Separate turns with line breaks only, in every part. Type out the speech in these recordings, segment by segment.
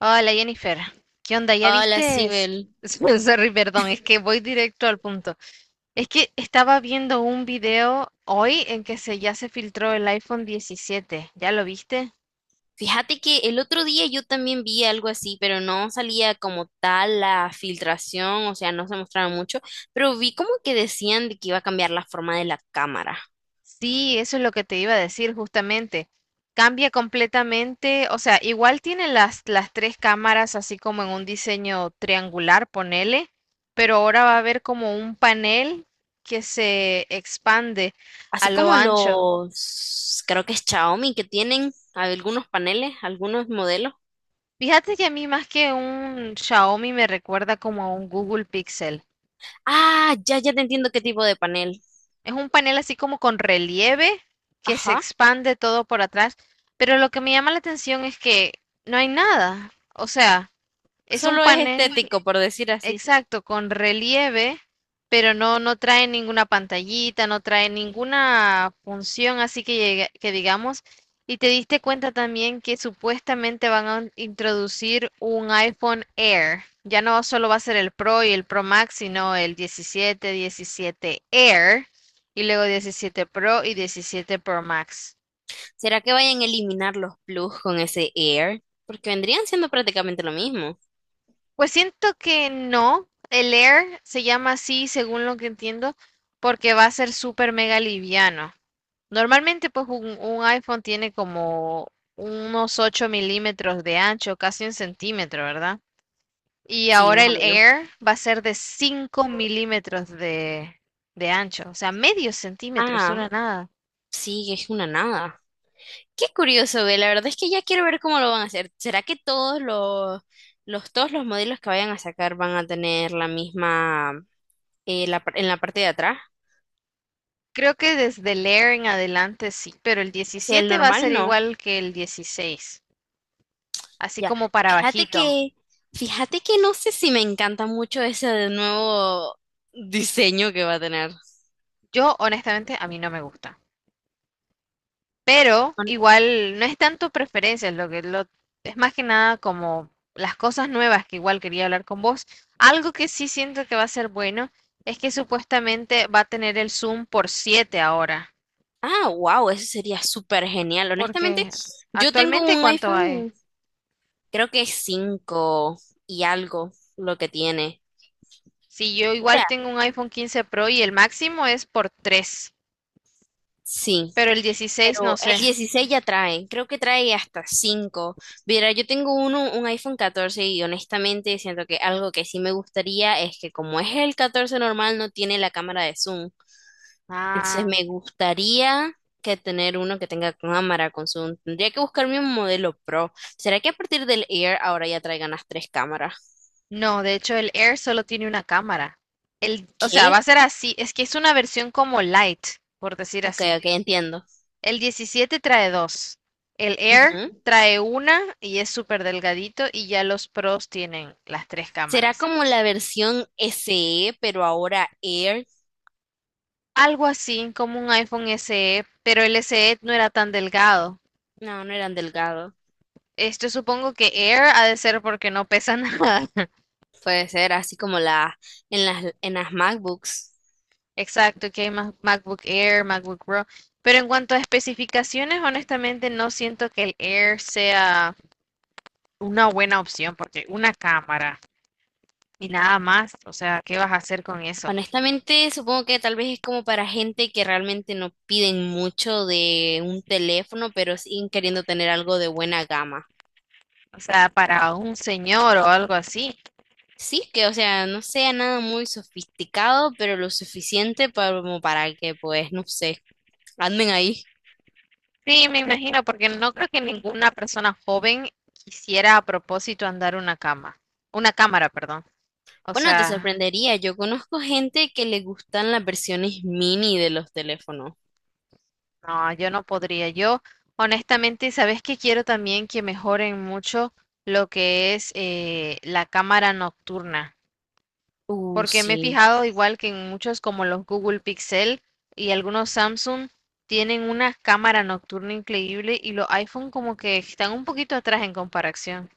Hola, Jennifer, ¿qué onda? ¿Ya
Hola,
vistes?
Sibel.
Sorry, perdón, es que voy directo al punto. Es que estaba viendo un video hoy en que ya se filtró el iPhone 17. ¿Ya lo viste?
Fíjate que el otro día yo también vi algo así, pero no salía como tal la filtración, o sea, no se mostraba mucho, pero vi como que decían de que iba a cambiar la forma de la cámara.
Sí, eso es lo que te iba a decir justamente. Cambia completamente, o sea, igual tiene las tres cámaras así como en un diseño triangular, ponele, pero ahora va a haber como un panel que se expande a
Así
lo
como
ancho.
creo que es Xiaomi, que tienen algunos paneles, algunos modelos.
Fíjate que a mí más que un Xiaomi me recuerda como a un Google Pixel.
Ah, ya te entiendo qué tipo de panel.
Es un panel así como con relieve que se
Ajá.
expande todo por atrás, pero lo que me llama la atención es que no hay nada. O sea, es un
Solo es
panel.
estético, por decir así.
Exacto, con relieve, pero no, no trae ninguna pantallita, no trae ninguna función, así que, que digamos, y te diste cuenta también que supuestamente van a introducir un iPhone Air. Ya no solo va a ser el Pro y el Pro Max, sino el 17 Air y luego 17 Pro y diecisiete Pro Max.
¿Será que vayan a eliminar los plus con ese Air? Porque vendrían siendo prácticamente lo mismo.
Pues siento que no, el Air se llama así, según lo que entiendo, porque va a ser súper mega liviano. Normalmente, pues un iPhone tiene como unos 8 mm de ancho, casi un centímetro, ¿verdad? Y
Sí,
ahora
más o
el
menos.
Air va a ser de 5 mm de ancho, o sea, medio centímetro, es
Ah,
una nada.
sí, es una nada. Qué curioso, ve. La verdad es que ya quiero ver cómo lo van a hacer. ¿Será que todos los modelos que vayan a sacar van a tener la misma en la parte de atrás?
Creo que desde el Air en adelante sí, pero el
O sea, el
17 va a
normal
ser
no.
igual que el 16, así
Ya.
como para
Fíjate
bajito.
que, fíjate que no sé si me encanta mucho ese nuevo diseño que va a tener.
Yo, honestamente, a mí no me gusta. Pero
Hon-
igual no es tanto preferencias, es más que nada como las cosas nuevas que igual quería hablar con vos. Algo que sí siento que va a ser bueno es que supuestamente va a tener el Zoom por 7 ahora,
Ah, wow, eso sería súper genial. Honestamente,
porque
yo tengo
actualmente,
un
¿cuánto hay?
iPhone, creo que es 5 y algo lo que tiene.
Si yo
O
igual
sea,
tengo un iPhone 15 Pro y el máximo es por 3,
sí.
pero el 16 no
Pero el
sé.
16 ya trae, creo que trae hasta 5. Mira, un iPhone 14 y honestamente siento que algo que sí me gustaría es que como es el 14 normal no tiene la cámara de zoom. Entonces
Ah,
me gustaría que tener uno que tenga cámara con zoom. Tendría que buscarme un modelo Pro. ¿Será que a partir del Air ahora ya traigan las tres cámaras?
no, de hecho el Air solo tiene una cámara. El, o sea, va
¿Qué?
a ser así, es que es una versión como light, por decir
Ok,
así.
ok, entiendo.
El 17 trae dos. El Air
Ujú.
trae una y es súper delgadito y ya los Pros tienen las tres
¿Será
cámaras.
como la versión SE, pero ahora Air?
Algo así como un iPhone SE, pero el SE no era tan delgado.
No, no eran delgados.
Esto supongo que Air ha de ser porque no pesa nada.
Puede ser así como en las MacBooks.
Exacto, que hay MacBook Air, MacBook Pro. Pero en cuanto a especificaciones, honestamente no siento que el Air sea una buena opción porque una cámara y nada más, o sea, ¿qué vas a hacer con eso?
Honestamente, supongo que tal vez es como para gente que realmente no piden mucho de un teléfono, pero siguen queriendo tener algo de buena gama.
O sea, para un señor o algo así.
Sí, que o sea, no sea nada muy sofisticado, pero lo suficiente como para que, pues, no sé, anden ahí.
Sí, me imagino, porque no creo que ninguna persona joven quisiera a propósito andar una cama, una cámara, perdón. O
Bueno, te
sea,
sorprendería, yo conozco gente que le gustan las versiones mini de los teléfonos.
no, yo no podría. Yo, honestamente, ¿sabes que quiero también que mejoren mucho lo que es la cámara nocturna? Porque me he
Sí.
fijado igual que en muchos como los Google Pixel y algunos Samsung tienen una cámara nocturna increíble y los iPhone como que están un poquito atrás en comparación.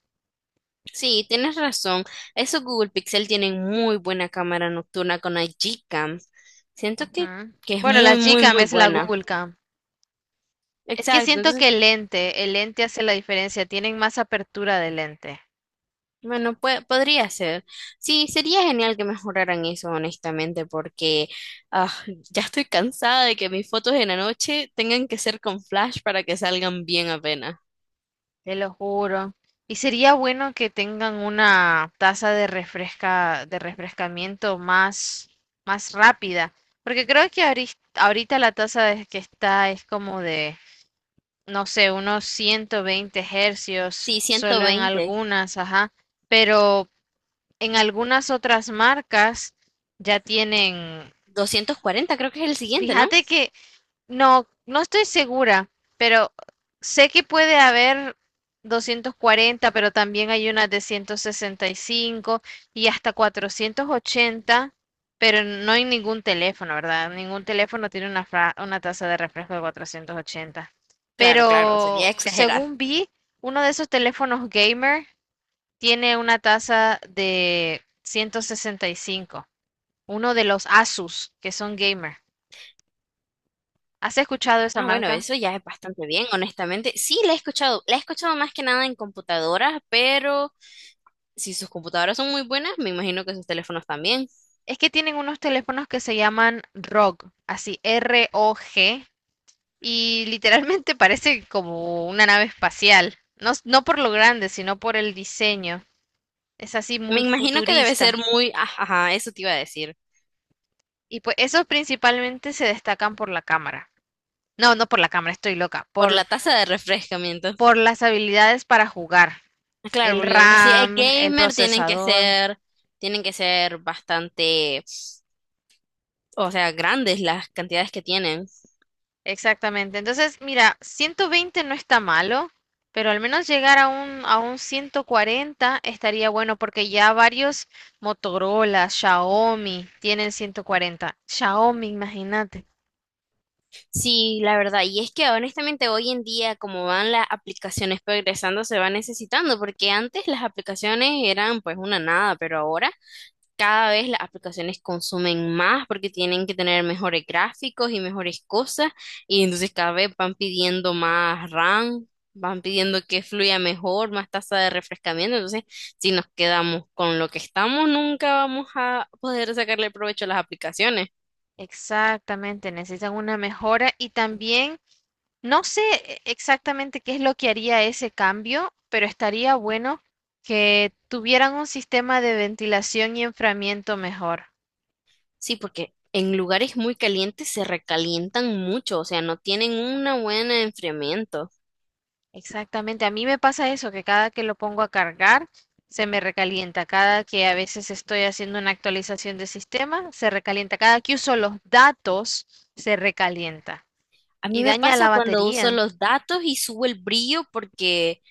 Sí, tienes razón. Esos Google Pixel tienen muy buena cámara nocturna con la Gcam. Siento que,
Ujú.
que es
Bueno,
muy,
la
muy,
Gcam
muy
es la
buena.
Google Cam. Es que
Exacto.
siento que
Entonces,
el lente hace la diferencia, tienen más apertura de lente,
podría ser. Sí, sería genial que mejoraran eso, honestamente, porque ah, ya estoy cansada de que mis fotos en la noche tengan que ser con flash para que salgan bien apenas.
te lo juro. Y sería bueno que tengan una tasa de refrescamiento más rápida, porque creo que ahorita que está es como de, no sé, unos 120 Hz,
Sí,
solo en
120.
algunas, ajá, pero en algunas otras marcas ya tienen.
240 creo que es el siguiente, ¿no?
Fíjate que no, no estoy segura, pero sé que puede haber 240, pero también hay unas de 165 y hasta 480, pero no hay ningún teléfono, ¿verdad? Ningún teléfono tiene una, una tasa de refresco de 480.
Claro, claro, sería
Pero
exagerar.
según vi, uno de esos teléfonos gamer tiene una tasa de 165. Uno de los Asus que son gamer. ¿Has escuchado esa
Ah, bueno,
marca?
eso ya es bastante bien, honestamente. Sí, la he escuchado. La he escuchado más que nada en computadoras, pero si sus computadoras son muy buenas, me imagino que sus teléfonos también.
Es que tienen unos teléfonos que se llaman ROG, así R-O-G, y literalmente parece como una nave espacial. No, no por lo grande, sino por el diseño. Es así
Me
muy
imagino que debe ser
futurista.
muy... ah, ajá, eso te iba a decir.
Y pues esos principalmente se destacan por la cámara. No, no por la cámara, estoy loca.
Por la tasa de refrescamiento.
Por las habilidades para jugar.
Ah, claro,
El
porque si es
RAM, el
gamer,
procesador.
tienen que ser bastante, o sea, grandes las cantidades que tienen.
Exactamente. Entonces, mira, 120 no está malo, pero al menos llegar a un 140 estaría bueno porque ya varios Motorola, Xiaomi tienen 140. Xiaomi, imagínate.
Sí, la verdad. Y es que honestamente hoy en día, como van las aplicaciones progresando, se va necesitando, porque antes las aplicaciones eran pues una nada, pero ahora cada vez las aplicaciones consumen más porque tienen que tener mejores gráficos y mejores cosas, y entonces cada vez van pidiendo más RAM, van pidiendo que fluya mejor, más tasa de refrescamiento. Entonces, si nos quedamos con lo que estamos, nunca vamos a poder sacarle provecho a las aplicaciones.
Exactamente, necesitan una mejora y también no sé exactamente qué es lo que haría ese cambio, pero estaría bueno que tuvieran un sistema de ventilación y enfriamiento mejor.
Sí, porque en lugares muy calientes se recalientan mucho, o sea, no tienen una buena enfriamiento.
Exactamente, a mí me pasa eso, que cada que lo pongo a cargar se me recalienta, cada que a veces estoy haciendo una actualización de sistema se recalienta, cada que uso los datos se recalienta
A
y
mí me
daña la
pasa cuando uso
batería,
los datos y subo el brillo porque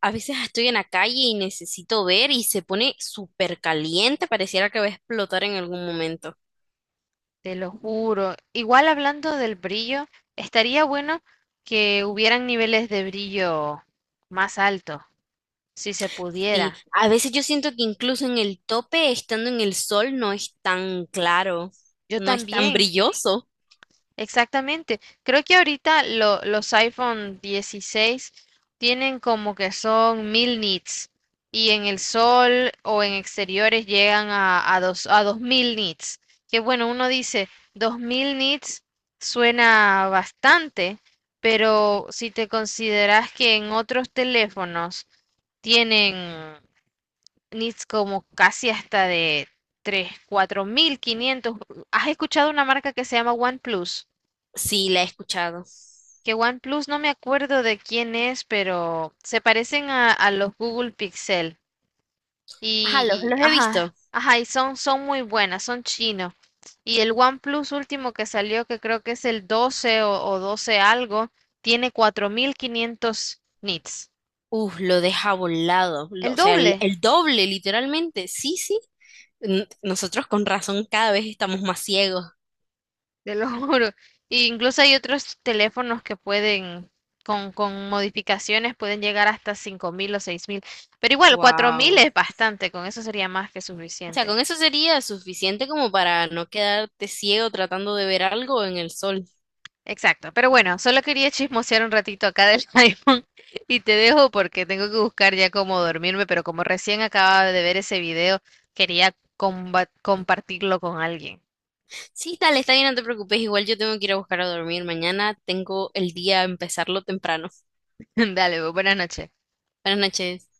a veces estoy en la calle y necesito ver y se pone súper caliente, pareciera que va a explotar en algún momento.
te lo juro. Igual hablando del brillo, estaría bueno que hubieran niveles de brillo más altos, si se
Sí,
pudiera.
a veces yo siento que incluso en el tope, estando en el sol, no es tan claro,
Yo
no es tan
también.
brilloso.
Exactamente. Creo que ahorita los iPhone 16 tienen como que son 1000 nits y en el sol o en exteriores llegan a 2000 nits. Que bueno, uno dice 2000 nits suena bastante, pero si te consideras que en otros teléfonos tienen nits como casi hasta de 3, 4500. ¿Has escuchado una marca que se llama OnePlus?
Sí, la he escuchado.
Que OnePlus no me acuerdo de quién es, pero se parecen a los Google Pixel.
Ajá, los he
Ajá,
visto.
ajá, y son muy buenas, son chinos. Y el OnePlus último que salió, que creo que es el 12 o 12 algo, tiene 4500 nits.
Uf, lo deja volado, lo-
El
o sea,
doble,
el doble, literalmente. Sí, sí. Nosotros con razón cada vez estamos más ciegos.
te lo juro. E incluso hay otros teléfonos que pueden, con modificaciones, pueden llegar hasta 5000 o 6000. Pero igual, 4000
Wow.
es bastante, con eso sería más que
O sea,
suficiente.
con eso sería suficiente como para no quedarte ciego tratando de ver algo en el sol.
Exacto, pero bueno, solo quería chismosear un ratito acá del iPhone y te dejo porque tengo que buscar ya cómo dormirme, pero como recién acababa de ver ese video, quería compartirlo con alguien.
Sí, dale, está bien, no te preocupes. Igual yo tengo que ir a buscar a dormir. Mañana tengo el día a empezarlo temprano.
Dale, pues, buenas noches.
Buenas noches.